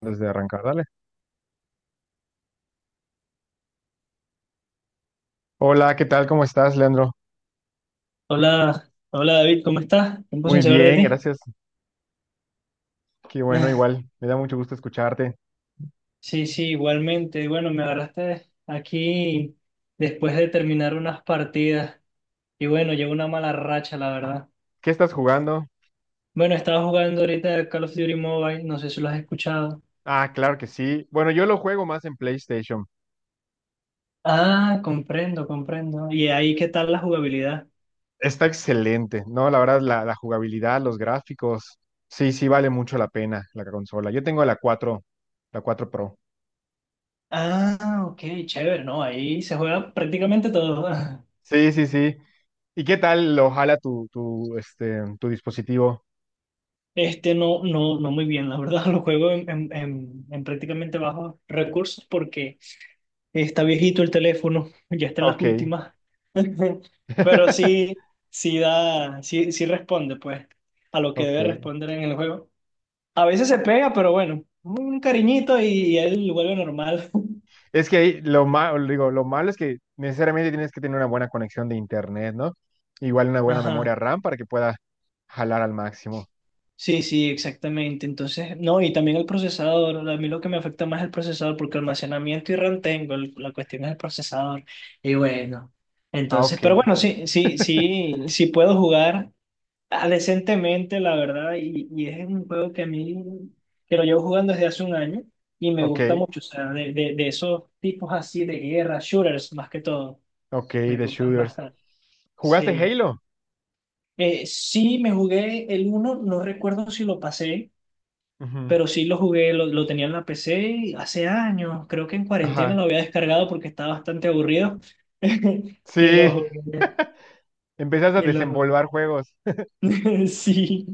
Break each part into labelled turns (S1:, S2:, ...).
S1: Desde arrancar, dale. Hola, ¿qué tal? ¿Cómo estás, Leandro?
S2: Hola, hola David, ¿cómo estás? Tiempo sin
S1: Muy
S2: saber de
S1: bien,
S2: ti.
S1: gracias. Qué bueno,
S2: Ah,
S1: igual. Me da mucho gusto escucharte.
S2: Sí, sí, igualmente. Bueno, me agarraste aquí después de terminar unas partidas y bueno, llevo una mala racha, la verdad.
S1: ¿Qué estás jugando?
S2: Bueno, estaba jugando ahorita Call of Duty Mobile, no sé si lo has escuchado.
S1: Ah, claro que sí. Bueno, yo lo juego más en PlayStation.
S2: Ah, comprendo, comprendo. ¿Y ahí qué tal la jugabilidad?
S1: Está excelente, ¿no? La verdad, la jugabilidad, los gráficos. Sí, sí, vale mucho la pena la consola. Yo tengo la cuatro Pro.
S2: Ah, ok, chévere, ¿no? Ahí se juega prácticamente todo.
S1: Sí, sí, sí. ¿Y qué tal lo jala tu dispositivo?
S2: Este no, no, no muy bien, la verdad, lo juego en prácticamente bajos recursos porque está viejito el teléfono, ya está en las
S1: Ok.
S2: últimas. Pero sí, sí da, sí, sí responde, pues, a lo que
S1: Ok.
S2: debe responder en el juego. A veces se pega, pero bueno, un cariñito y él vuelve normal.
S1: Es que ahí lo malo, digo, lo malo es que necesariamente tienes que tener una buena conexión de internet, ¿no? Igual una buena memoria
S2: Ajá.
S1: RAM para que pueda jalar al máximo.
S2: Sí, sí, exactamente. Entonces, no, y también el procesador. A mí lo que me afecta más es el procesador, porque almacenamiento y RAM tengo, la cuestión es el procesador. Y bueno,
S1: Ah,
S2: entonces,
S1: ok.
S2: pero bueno, sí, sí, sí, sí puedo jugar. Ah, decentemente, la verdad, y es un juego que a mí, que lo llevo jugando desde hace un año y me
S1: Ok,
S2: gusta mucho, o sea, de esos tipos así de guerra, shooters más que todo,
S1: ok,
S2: me
S1: de
S2: gustan
S1: shooters.
S2: bastante.
S1: ¿Jugaste
S2: Sí.
S1: Halo?
S2: Sí, me jugué el uno, no recuerdo si lo pasé,
S1: Ujú.
S2: pero sí lo jugué, lo tenía en la PC hace años, creo que en cuarentena lo
S1: Ajá.
S2: había descargado porque estaba bastante aburrido y lo
S1: Sí,
S2: jugué,
S1: empezaste a
S2: y lo jugué.
S1: desenvolver juegos.
S2: Sí.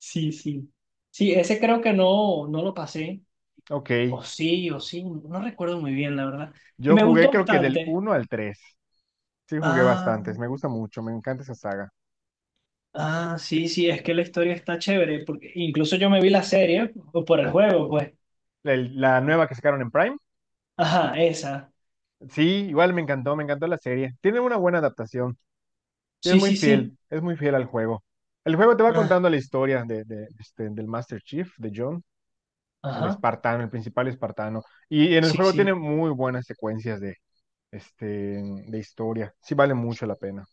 S2: Sí, sí. Sí, ese creo que no, no lo pasé.
S1: Ok,
S2: O sí, no recuerdo muy bien, la verdad. Y
S1: yo
S2: me
S1: jugué
S2: gustó
S1: creo que del
S2: bastante.
S1: uno al 3. Sí, jugué
S2: Ah,
S1: bastantes, me gusta mucho, me encanta esa saga.
S2: ah, sí, sí, es que la historia está chévere, porque incluso yo me vi la serie o por el juego, pues.
S1: La nueva que sacaron en Prime,
S2: Ajá, esa.
S1: sí, igual me encantó la serie. Tiene una buena adaptación. Sí,
S2: Sí, sí, sí.
S1: es muy fiel al juego. El juego te va
S2: Ah,
S1: contando la historia del Master Chief, de John, el
S2: ajá,
S1: espartano, el principal espartano. Y en el
S2: sí,
S1: juego tiene
S2: sí.
S1: muy buenas secuencias de, de historia. Sí vale mucho la pena.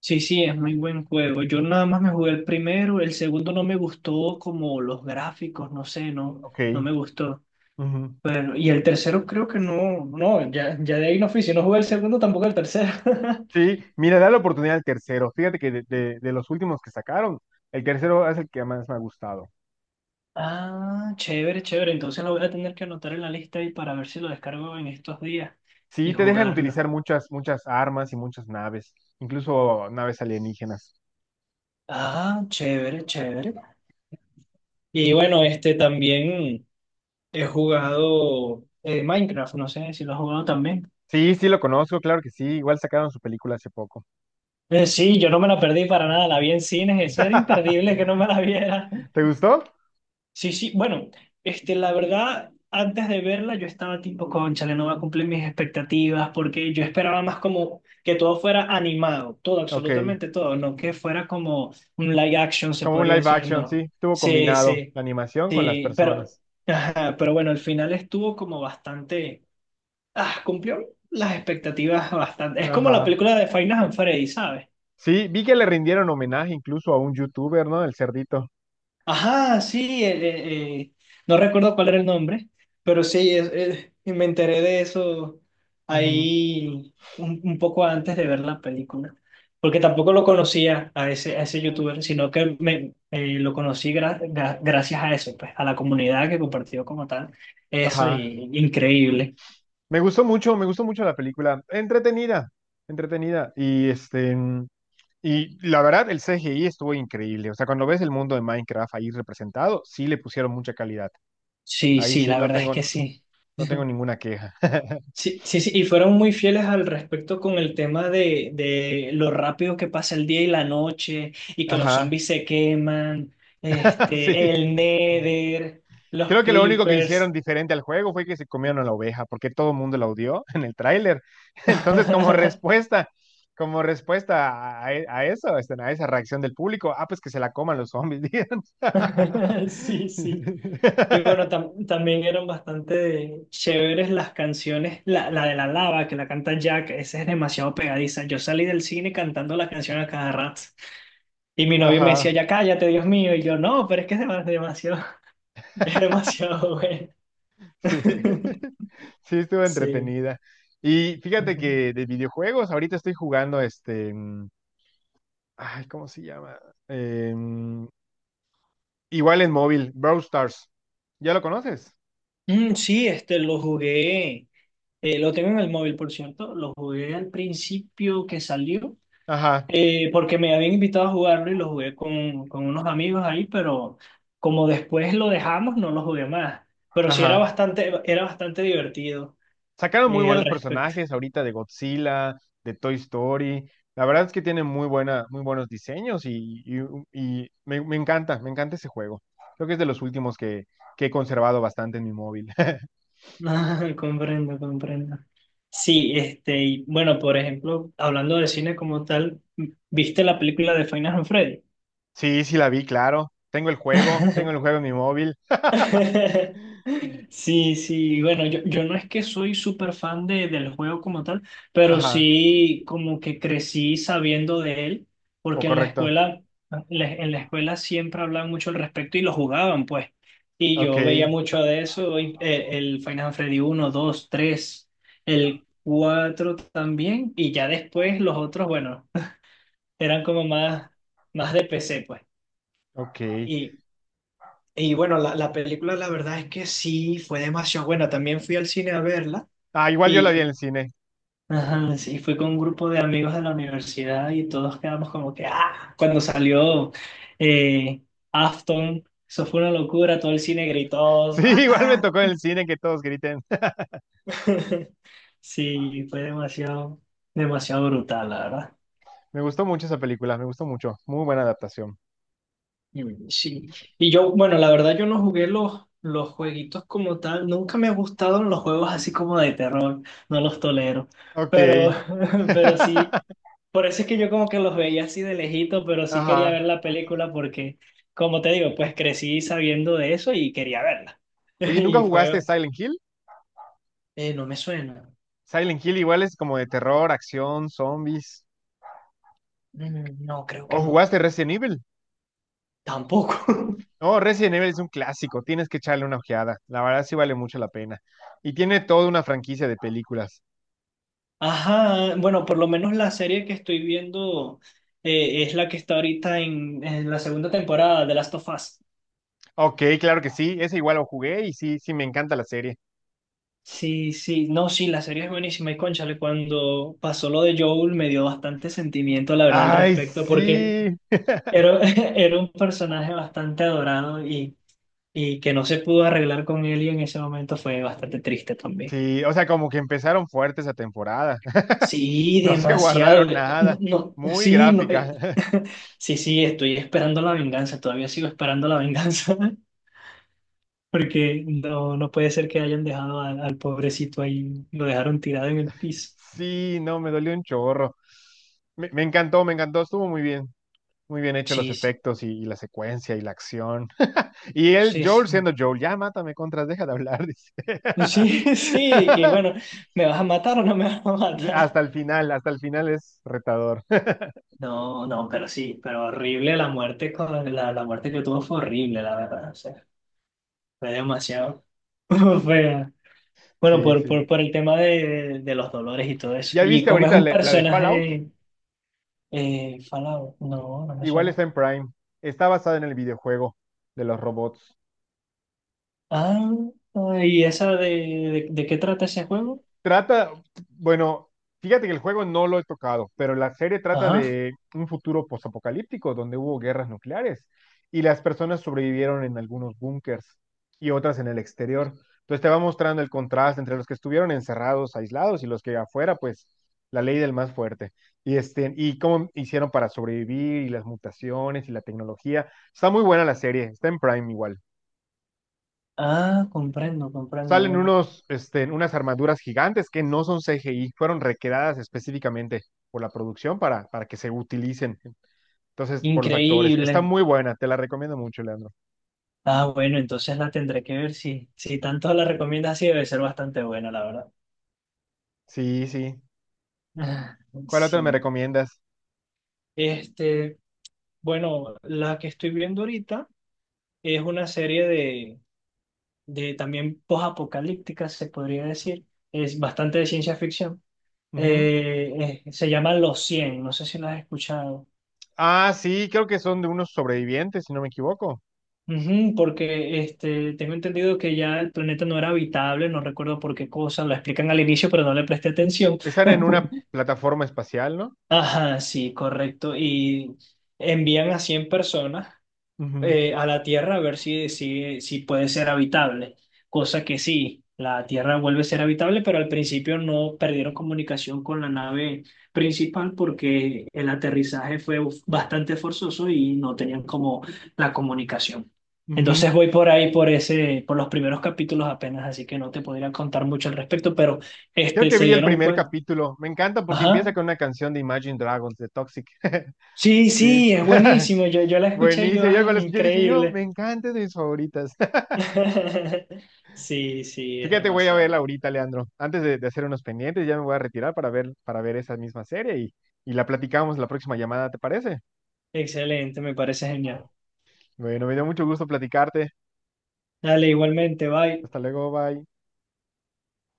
S2: Sí, sí, es muy buen juego. Yo nada más me jugué el primero, el segundo no me gustó como los gráficos, no sé, no,
S1: Ok.
S2: no me gustó.
S1: Ujú.
S2: Bueno, y el tercero creo que no, no, ya, ya de ahí no fui, si no jugué el segundo, tampoco el tercero.
S1: Sí, mira, da la oportunidad al tercero. Fíjate que de los últimos que sacaron, el tercero es el que más me ha gustado.
S2: Ah, chévere, chévere, entonces lo voy a tener que anotar en la lista y para ver si lo descargo en estos días y
S1: Sí, te dejan
S2: jugarlo.
S1: utilizar muchas, muchas armas y muchas naves, incluso naves alienígenas.
S2: Ah, chévere, chévere. Y bueno, este también he jugado Minecraft, no sé si lo has jugado también.
S1: Sí, sí lo conozco, claro que sí. Igual sacaron su película hace poco.
S2: Sí, yo no me la perdí para nada, la vi en cines, eso era imperdible que no me la viera.
S1: ¿Te gustó?
S2: Sí, sí, bueno, este, la verdad, antes de verla yo estaba tipo, cónchale, no va a cumplir mis expectativas, porque yo esperaba más como que todo fuera animado, todo,
S1: Ok.
S2: absolutamente todo, no que fuera como un live action, se
S1: Como un
S2: podría
S1: live
S2: decir,
S1: action, sí.
S2: no.
S1: Estuvo
S2: Sí,
S1: combinado
S2: sí,
S1: la animación con las
S2: sí, pero,
S1: personas.
S2: ajá, pero bueno, al final estuvo como bastante, ah, cumplió las expectativas bastante. Es como la
S1: Ajá.
S2: película de Five Nights at Freddy's, ¿sabes?
S1: Sí, vi que le rindieron homenaje incluso a un youtuber, ¿no? El cerdito.
S2: Ajá, sí, no recuerdo cuál era el nombre, pero sí, y me enteré de eso
S1: Ujú.
S2: ahí un poco antes de ver la película, porque tampoco lo conocía a ese youtuber, sino que me, lo conocí gracias a eso, pues, a la comunidad que compartió como tal, eso,
S1: Ajá.
S2: y increíble.
S1: Me gustó mucho la película. Entretenida, entretenida. Y este, y la verdad, el CGI estuvo increíble. O sea, cuando ves el mundo de Minecraft ahí representado, sí le pusieron mucha calidad.
S2: Sí,
S1: Ahí
S2: sí,
S1: sí
S2: la verdad es que
S1: no
S2: sí.
S1: no tengo ninguna queja.
S2: Sí, sí, sí, y fueron muy fieles al respecto con el tema de lo rápido que pasa el día y la noche, y que los
S1: Ajá.
S2: zombies se queman,
S1: Sí.
S2: este, el Nether, los
S1: Creo que lo único que
S2: creepers.
S1: hicieron diferente al juego fue que se comieron a la oveja, porque todo el mundo la odió en el tráiler. Entonces, como respuesta a, a eso, a esa reacción del público, ah, pues que se la coman los zombies, digan.
S2: Sí, sí. Y bueno, también eran bastante chéveres las canciones. La de la lava que la canta Jack, esa es demasiado pegadiza. Yo salí del cine cantando la canción a cada rato. Y mi novio me decía,
S1: Ajá,
S2: ya cállate, Dios mío. Y yo, no, pero es que es demasiado. Es demasiado bueno.
S1: sí. Sí, estuvo
S2: Sí.
S1: entretenida. Y fíjate
S2: Ujú.
S1: que de videojuegos, ahorita estoy jugando ¿cómo se llama? Em, Igual en móvil, Brawl Stars. ¿Ya lo conoces?
S2: Mm, sí, este lo jugué. Lo tengo en el móvil, por cierto. Lo jugué al principio que salió,
S1: Ajá,
S2: porque me habían invitado a jugarlo y lo jugué con unos amigos ahí, pero como después lo dejamos, no lo jugué más. Pero sí
S1: ajá.
S2: era bastante divertido
S1: Sacaron muy
S2: al
S1: buenos
S2: respecto.
S1: personajes ahorita de Godzilla, de Toy Story. La verdad es que tienen muy buena, muy buenos diseños y me encanta ese juego. Creo que es de los que he conservado bastante en mi móvil.
S2: Ah, comprendo, comprendo. Sí, este, y bueno, por ejemplo, hablando de cine como tal, ¿viste la película de Final and Freddy?
S1: Sí, sí la vi, claro. Tengo el juego en mi móvil.
S2: Sí, sí, bueno, yo no es que soy súper fan de, del juego como tal, pero
S1: Ajá,
S2: sí como que crecí sabiendo de él,
S1: o
S2: porque en la
S1: correcto.
S2: escuela, en la escuela siempre hablaban mucho al respecto y lo jugaban, pues. Y
S1: Ok,
S2: yo veía mucho de eso, y, el Final Freddy uno, 2, 3, el 4 también, y ya después los otros, bueno, eran como más, más de PC, pues.
S1: ok.
S2: Y bueno, la película la verdad es que sí, fue demasiado buena. También fui al cine a verla
S1: Ah, igual yo la
S2: y
S1: vi en el cine.
S2: ajá, sí, fui con un grupo de amigos de la universidad y todos quedamos como que, ah, cuando salió eh, Afton, eso fue una locura, todo el cine
S1: Sí,
S2: gritó,
S1: igual me
S2: ah,
S1: tocó en el cine que todos griten.
S2: sí, fue demasiado, demasiado brutal, la verdad.
S1: Me gustó mucho esa película, me gustó mucho. Muy buena adaptación.
S2: Mm, sí, y yo, bueno, la verdad yo no jugué los jueguitos como tal, nunca me gustaron los juegos así como de terror, no los tolero,
S1: Ok.
S2: pero, pero sí, por eso es que yo como que los veía así de lejito, pero sí quería ver
S1: Ajá.
S2: la película porque, como te digo, pues crecí sabiendo de eso y quería verla.
S1: Oye, ¿nunca
S2: Y
S1: jugaste
S2: fue,
S1: Silent Hill?
S2: no me suena.
S1: Silent Hill igual es como de terror, acción, zombies.
S2: Mm, no, creo que
S1: ¿O
S2: no,
S1: jugaste Resident Evil?
S2: tampoco.
S1: No, Resident Evil es un clásico, tienes que echarle una ojeada. La verdad sí vale mucho la pena. Y tiene toda una franquicia de películas.
S2: Ajá, bueno, por lo menos la serie que estoy viendo es la que está ahorita en la segunda temporada de Last of Us.
S1: Ok, claro que sí, ese igual lo jugué y sí, sí, me encanta la serie.
S2: Sí, sí, no, sí, la serie es buenísima y cónchale, cuando pasó lo de Joel me dio bastante sentimiento, la verdad, al
S1: Ay,
S2: respecto, porque
S1: sí.
S2: era, era un personaje bastante adorado y que no se pudo arreglar con él y en ese momento fue bastante triste también.
S1: Sí, o sea, como que empezaron fuerte esa temporada.
S2: Sí,
S1: No se
S2: demasiado.
S1: guardaron nada.
S2: No, no,
S1: Muy
S2: sí, no,
S1: gráfica.
S2: sí, sí, estoy esperando la venganza, todavía sigo esperando la venganza, porque no, no puede ser que hayan dejado al, al pobrecito ahí, lo dejaron tirado en el piso.
S1: Sí, no, me dolió un chorro. Me encantó, me encantó, estuvo muy bien. Muy bien hechos los
S2: Sí, sí,
S1: efectos y la secuencia y la acción. Y él,
S2: sí,
S1: Joel,
S2: sí,
S1: siendo Joel, ya mátame contras, deja de hablar, dice.
S2: sí, sí, que bueno, ¿me vas a matar o no me vas a matar?
S1: Hasta el final es retador.
S2: No, no, pero sí, pero horrible la muerte, con la, la muerte que tuvo fue horrible, la verdad, o sea, fue demasiado fea. Bueno,
S1: Sí, sí.
S2: por el tema de los dolores y todo eso.
S1: ¿Ya
S2: Y
S1: viste
S2: como es
S1: ahorita
S2: un
S1: la de Fallout?
S2: personaje Fallout, no, no me
S1: Igual
S2: suena.
S1: está en Prime. Está basada en el videojuego de los robots.
S2: Ah, ¿y esa de qué trata ese juego?
S1: Trata, bueno, fíjate que el juego no lo he tocado, pero la serie trata
S2: Ajá.
S1: de un futuro posapocalíptico donde hubo guerras nucleares y las personas sobrevivieron en algunos búnkers y otras en el exterior. Entonces te va mostrando el contraste entre los que estuvieron encerrados, aislados y los que afuera, pues la ley del más fuerte. Y este, y cómo hicieron para sobrevivir y las mutaciones y la tecnología. Está muy buena la serie, está en Prime igual.
S2: Ah, comprendo, comprendo.
S1: Salen
S2: Bueno,
S1: unos, este, unas armaduras gigantes que no son CGI, fueron recreadas específicamente por la producción para que se utilicen. Entonces, por los actores. Está
S2: increíble.
S1: muy buena, te la recomiendo mucho, Leandro.
S2: Ah, bueno, entonces la tendré que ver si, si tanto la recomiendas así, debe ser bastante buena, la verdad.
S1: Sí, sí.
S2: Ah,
S1: ¿Cuál otra me
S2: Sí.
S1: recomiendas?
S2: Este, bueno, la que estoy viendo ahorita es una serie de también posapocalípticas, se podría decir. Es bastante de ciencia ficción.
S1: Ujú.
S2: Se llama Los cien, no sé si lo has escuchado.
S1: Ah, sí, creo que son de unos sobrevivientes, si no me equivoco.
S2: Ujú, porque este, tengo entendido que ya el planeta no era habitable, no recuerdo por qué cosa, lo explican al inicio, pero no le presté atención.
S1: Están en una plataforma espacial, ¿no?
S2: Ajá, sí, correcto. Y envían a 100 personas
S1: Ujú,
S2: a la Tierra a ver si, si, si puede ser habitable. Cosa que sí, la Tierra vuelve a ser habitable, pero al principio no perdieron comunicación con la nave principal porque el aterrizaje fue bastante forzoso y no tenían como la comunicación.
S1: ujú.
S2: Entonces voy por ahí, por ese, por los primeros capítulos apenas, así que no te podría contar mucho al respecto, pero
S1: Creo
S2: este,
S1: que
S2: se
S1: vi el
S2: dieron
S1: primer
S2: cuenta.
S1: capítulo. Me encanta porque
S2: Ajá.
S1: empieza con una canción de Imagine Dragons, de Toxic.
S2: Sí,
S1: Sí.
S2: sí, es buenísimo. Yo la escuché y yo,
S1: Buenísimo. Yo, cuando
S2: ay,
S1: la escuché dije yo, me
S2: increíble.
S1: encanta es de mis favoritas.
S2: Sí, sí, es
S1: Fíjate, voy a verla
S2: demasiado.
S1: ahorita, Leandro. Antes de hacer unos pendientes, ya me voy a retirar para ver esa misma serie y la platicamos la próxima llamada, ¿te parece?
S2: Excelente, me parece genial.
S1: Bueno, me dio mucho gusto platicarte.
S2: Dale, igualmente, bye.
S1: Hasta luego, bye.